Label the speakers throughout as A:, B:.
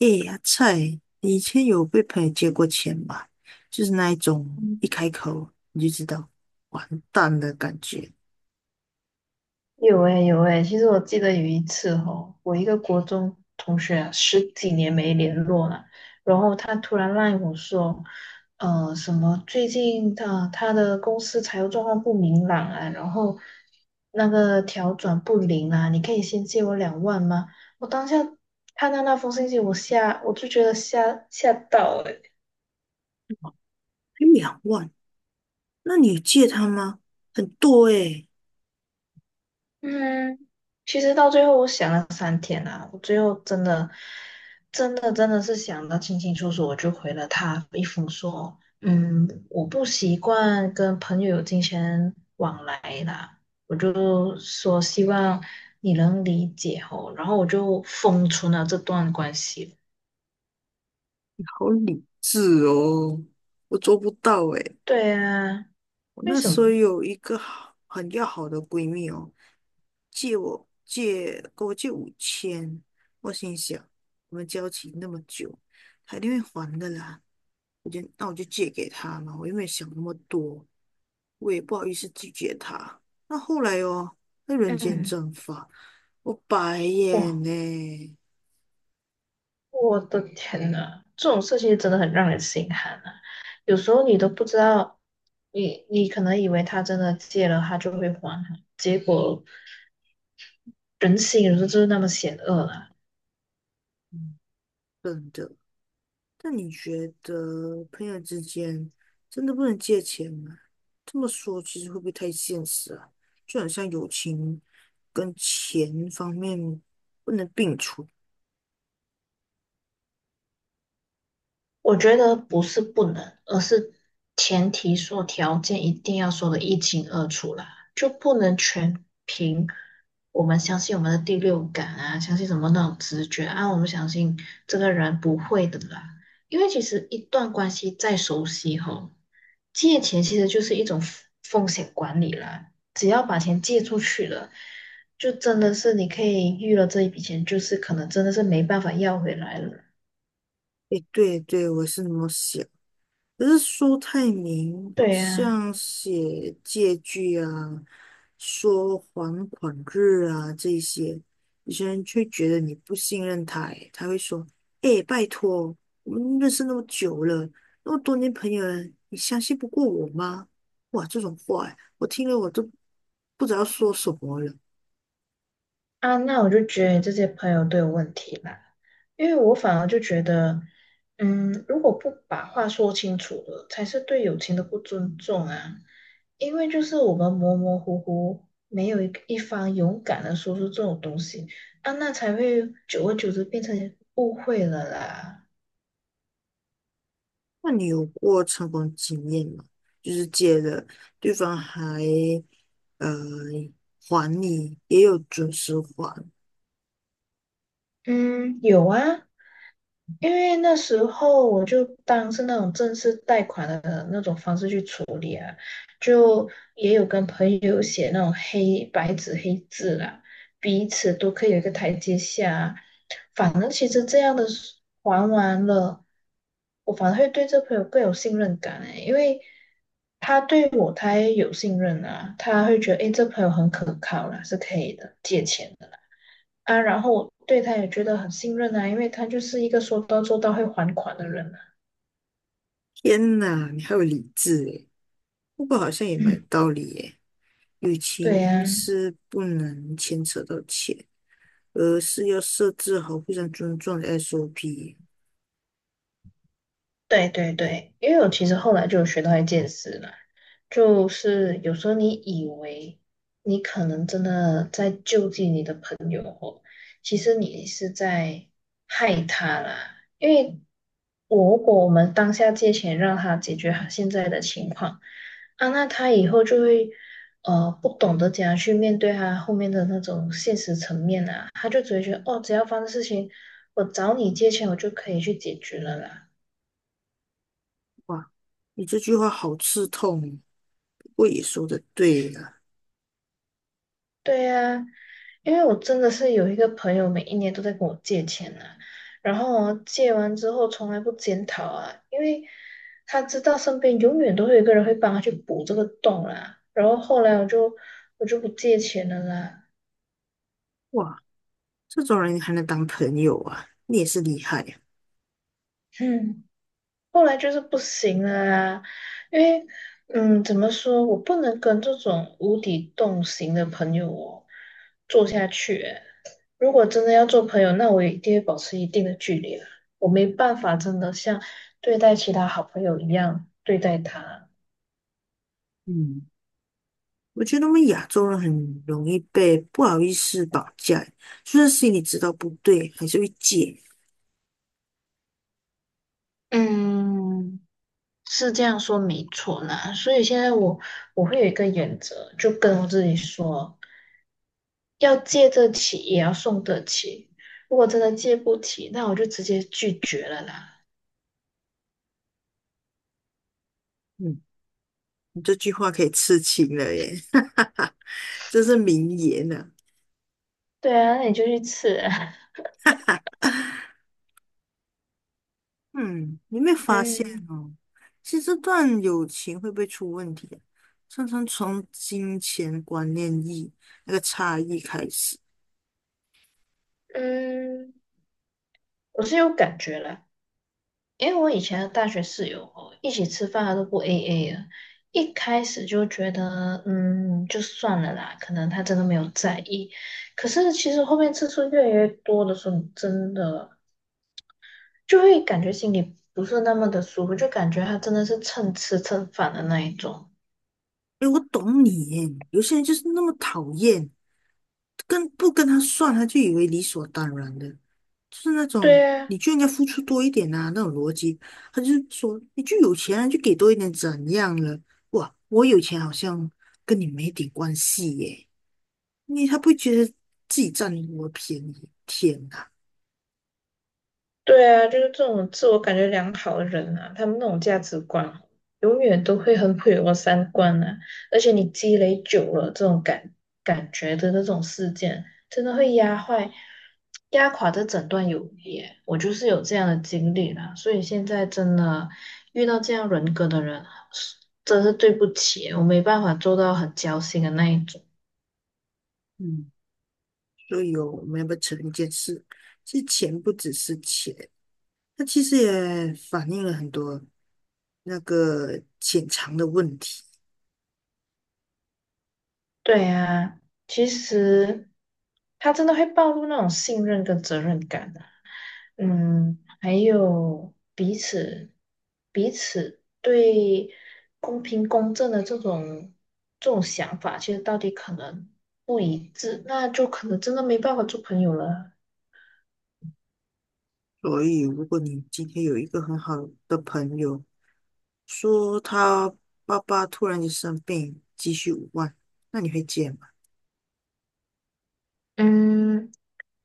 A: 诶，呀，菜，你以前有被朋友借过钱吧？就是那一种一开口你就知道完蛋的感觉。
B: 有诶、有诶、其实我记得有一次哦，我一个国中同学啊十几年没联络了，然后他突然赖我说，什么最近他的公司财务状况不明朗啊，然后那个调转不灵啊，你可以先借我两万吗？我当下看到那封信息，我就觉得吓到了，
A: 才两万，那你有借他吗？很多诶，
B: 嗯，其实到最后我想了三天啊，我最后真的、真的、真的是想的清清楚楚，我就回了他一封说，嗯，我不习惯跟朋友有金钱往来啦，我就说希望你能理解哦，然后我就封存了这段关系。
A: 好理智哦，我做不到诶。
B: 对啊，
A: 我
B: 为
A: 那
B: 什
A: 时候
B: 么？
A: 有一个好很要好的闺蜜哦，借给我五千，我心想我们交情那么久，她一定会还的啦。那我就借给她嘛，我又没有想那么多，我也不好意思拒绝她。那后来哦，那人间
B: 嗯，
A: 蒸发，我白眼
B: 哇，
A: 呢，
B: 我的天呐，这种事情真的很让人心寒啊！有时候你都不知道，你可能以为他真的借了，他就会还啊，结果人心有时候就是那么险恶啊。
A: 嗯，真的。那你觉得朋友之间真的不能借钱吗？这么说其实会不会太现实啊？就很像友情跟钱方面不能并存。
B: 我觉得不是不能，而是前提说条件一定要说的一清二楚啦，就不能全凭我们相信我们的第六感啊，相信什么那种直觉啊，我们相信这个人不会的啦。因为其实一段关系再熟悉吼，借钱其实就是一种风险管理啦，只要把钱借出去了。就真的是你可以预了这一笔钱，就是可能真的是没办法要回来了。
A: 诶，对对，我是那么想。可是苏太明
B: 对呀、
A: 像写借据啊、说还款日啊这些，有些人却觉得你不信任他欸，他会说：“哎、拜托，我们认识那么久了，那么多年朋友了，你相信不过我吗？”哇，这种话欸，我听了我都不知道说什么了。
B: 啊，那我就觉得你这些朋友都有问题啦，因为我反而就觉得，嗯，如果不把话说清楚了，才是对友情的不尊重啊。因为就是我们模模糊糊，没有一方勇敢的说出这种东西啊，那才会久而久之变成误会了啦。
A: 那你有过成功经验吗？就是借了，对方呃还你，也有准时还。
B: 嗯，有啊，因为那时候我就当是那种正式贷款的那种方式去处理啊，就也有跟朋友写那种黑白纸黑字啦，彼此都可以有一个台阶下啊。反正其实这样的是还完了，我反而会对这朋友更有信任感诶，因为他对我他也有信任啊，他会觉得诶，这朋友很可靠啦，是可以的，借钱的。啊，然后我对他也觉得很信任啊，因为他就是一个说到做到会还款的人啊。
A: 天呐，你还有理智诶，不过好像也蛮有
B: 嗯，
A: 道理耶。友
B: 对
A: 情
B: 呀、
A: 是不能牵扯到钱，而是要设置好互相尊重的 SOP。
B: 对对对，因为我其实后来就有学到一件事啦，就是有时候你以为你可能真的在救济你的朋友哦，其实你是在害他啦。因为我如果我们当下借钱让他解决他现在的情况啊，那他以后就会不懂得怎样去面对他后面的那种现实层面啊，他就只会觉得哦，只要发生事情，我找你借钱我就可以去解决了啦。
A: 哇，你这句话好刺痛哦，不过也说的对了。
B: 对呀、因为我真的是有一个朋友，每一年都在跟我借钱啊，然后哦借完之后从来不检讨啊，因为他知道身边永远都会有一个人会帮他去补这个洞啦。然后后来我就不借钱了啦，
A: 哇，这种人还能当朋友啊，你也是厉害呀。
B: 嗯，后来就是不行了啦，因为嗯，怎么说，我不能跟这种无底洞型的朋友哦做下去欸如果真的要做朋友，那我一定会保持一定的距离啊。我没办法真的像对待其他好朋友一样对待他。
A: 嗯，我觉得我们亚洲人很容易被不好意思绑架，就算心里知道不对，还是会借。
B: 嗯，是这样说没错啦。所以现在我我会有一个原则，就跟我自己说，要借得起也要送得起。如果真的借不起，那我就直接拒绝了啦。
A: 嗯。你这句话可以刺青了耶，这是名言呢、
B: 对啊，那你就去吃啊。
A: 啊 嗯，你有没有 发现
B: 嗯
A: 哦？其实这段友情会不会出问题啊？常常从金钱观念那个差异开始。
B: 嗯，我是有感觉啦。因为我以前的大学室友哦，一起吃饭他都不 AA 了。一开始就觉得，嗯，就算了啦，可能他真的没有在意。可是其实后面次数越来越多的时候，真的就会感觉心里不是那么的舒服，就感觉他真的是蹭吃蹭饭的那一种。
A: 诶，我懂你耶，有些人就是那么讨厌，跟不跟他算，他就以为理所当然的，就是那种
B: 对啊，
A: 你就应该付出多一点啊那种逻辑。他就说你就有钱啊，就给多一点怎样了？哇，我有钱好像跟你没点关系耶。因为他不会觉得自己占我便宜？天呐，
B: 对啊，就是这种自我感觉良好的人啊，他们那种价值观永远都会很毁我三观啊！而且你积累久了，这种感觉的那种事件，真的会压坏、压垮这整段友谊耶我就是有这样的经历啦，所以现在真的遇到这样人格的人，是真是对不起，我没办法做到很交心的那一种。
A: 嗯，所以哦，我们要不要承认一件事？是钱不只是钱，它其实也反映了很多那个潜藏的问题。
B: 对啊，其实他真的会暴露那种信任跟责任感的。嗯，还有彼此对公平公正的这种想法，其实到底可能不一致，那就可能真的没办法做朋友了。
A: 所以，如果你今天有一个很好的朋友，说他爸爸突然间生病，急需五万，那你会借吗？
B: 嗯，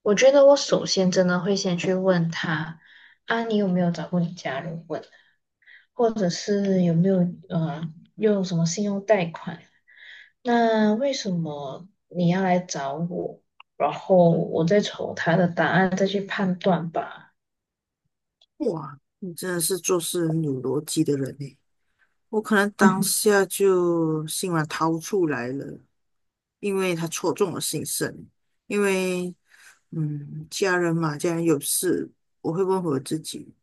B: 我觉得我首先真的会先去问他，啊，你有没有找过你家人问，或者是有没有呃用什么信用贷款？那为什么你要来找我？然后我再瞅他的答案再去判断吧。
A: 哇，你真的是做事很有逻辑的人呢。我可能当 下就心软掏出来了，因为他戳中我心声。因为，嗯，家人嘛，家人有事，我会问我自己，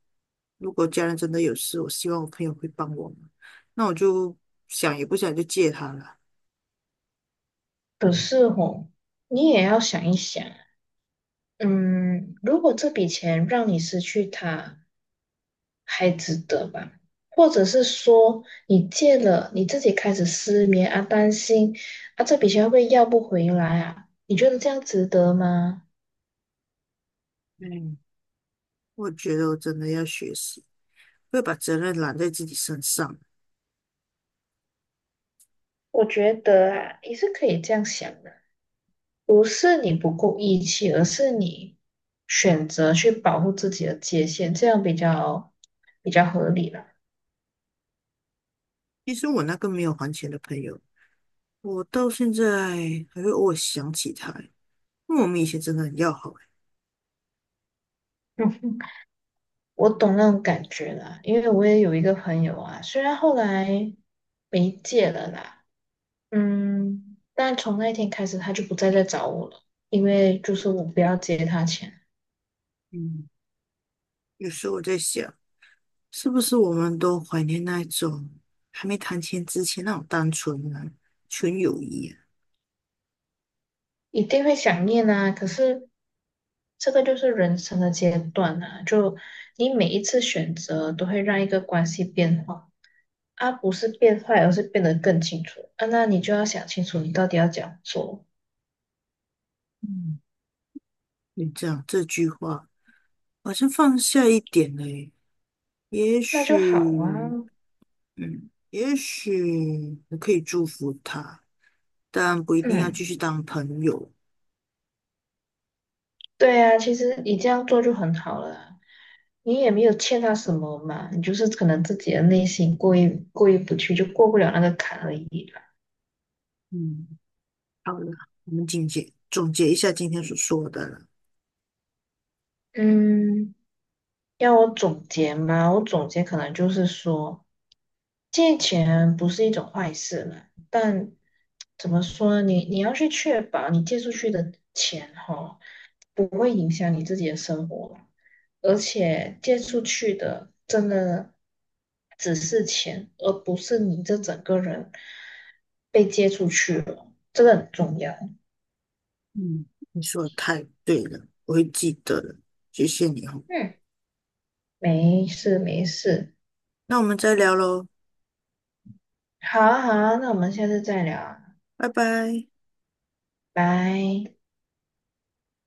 A: 如果家人真的有事，我希望我朋友会帮我吗？那我就想也不想就借他了。
B: 可是哦，你也要想一想，嗯，如果这笔钱让你失去它，还值得吧？或者是说，你借了，你自己开始失眠啊，担心啊，这笔钱会不会要不回来啊？你觉得这样值得吗？
A: 嗯。我觉得我真的要学习，不要把责任揽在自己身上。
B: 我觉得啊，也是可以这样想的。不是你不够义气，而是你选择去保护自己的界限，这样比较合理了。
A: 其实我那个没有还钱的朋友，我到现在还会偶尔想起他欸，因为我们以前真的很要好。
B: 嗯我懂那种感觉啦，因为我也有一个朋友啊，虽然后来没戒了啦，嗯，但从那一天开始他就不再来找我了，因为就是我不要借他钱，
A: 嗯，有时候我在想，是不是我们都怀念那一种还没谈钱之前那种单纯啊、纯友谊啊？
B: 一定会想念啊，可是。这个就是人生的阶段啊，就你每一次选择都会让一个关系变化。啊，不是变坏，而是变得更清楚啊。那你就要想清楚，你到底要怎样做，
A: 嗯，你这句话好像放下一点了耶也
B: 那就好
A: 许，
B: 啊。
A: 也许我可以祝福他。但不一定要
B: 嗯，
A: 继续当朋友。
B: 对啊，其实你这样做就很好了啊你也没有欠他什么嘛，你就是可能自己的内心过意不去，就过不了那个坎而已啦。
A: 嗯，好了，我们总结总结一下今天所说的了。
B: 嗯，要我总结吗？我总结可能就是说，借钱不是一种坏事嘛，但怎么说呢？你你要去确保你借出去的钱哈，不会影响你自己的生活啦而且借出去的真的只是钱，而不是你这整个人被借出去了，这个很重要。
A: 嗯，你说的太对了，我会记得的，谢谢你哦。
B: 嗯，没事没事，
A: 那我们再聊喽，
B: 好啊好啊，那我们下次再聊啊
A: 拜拜。
B: 拜。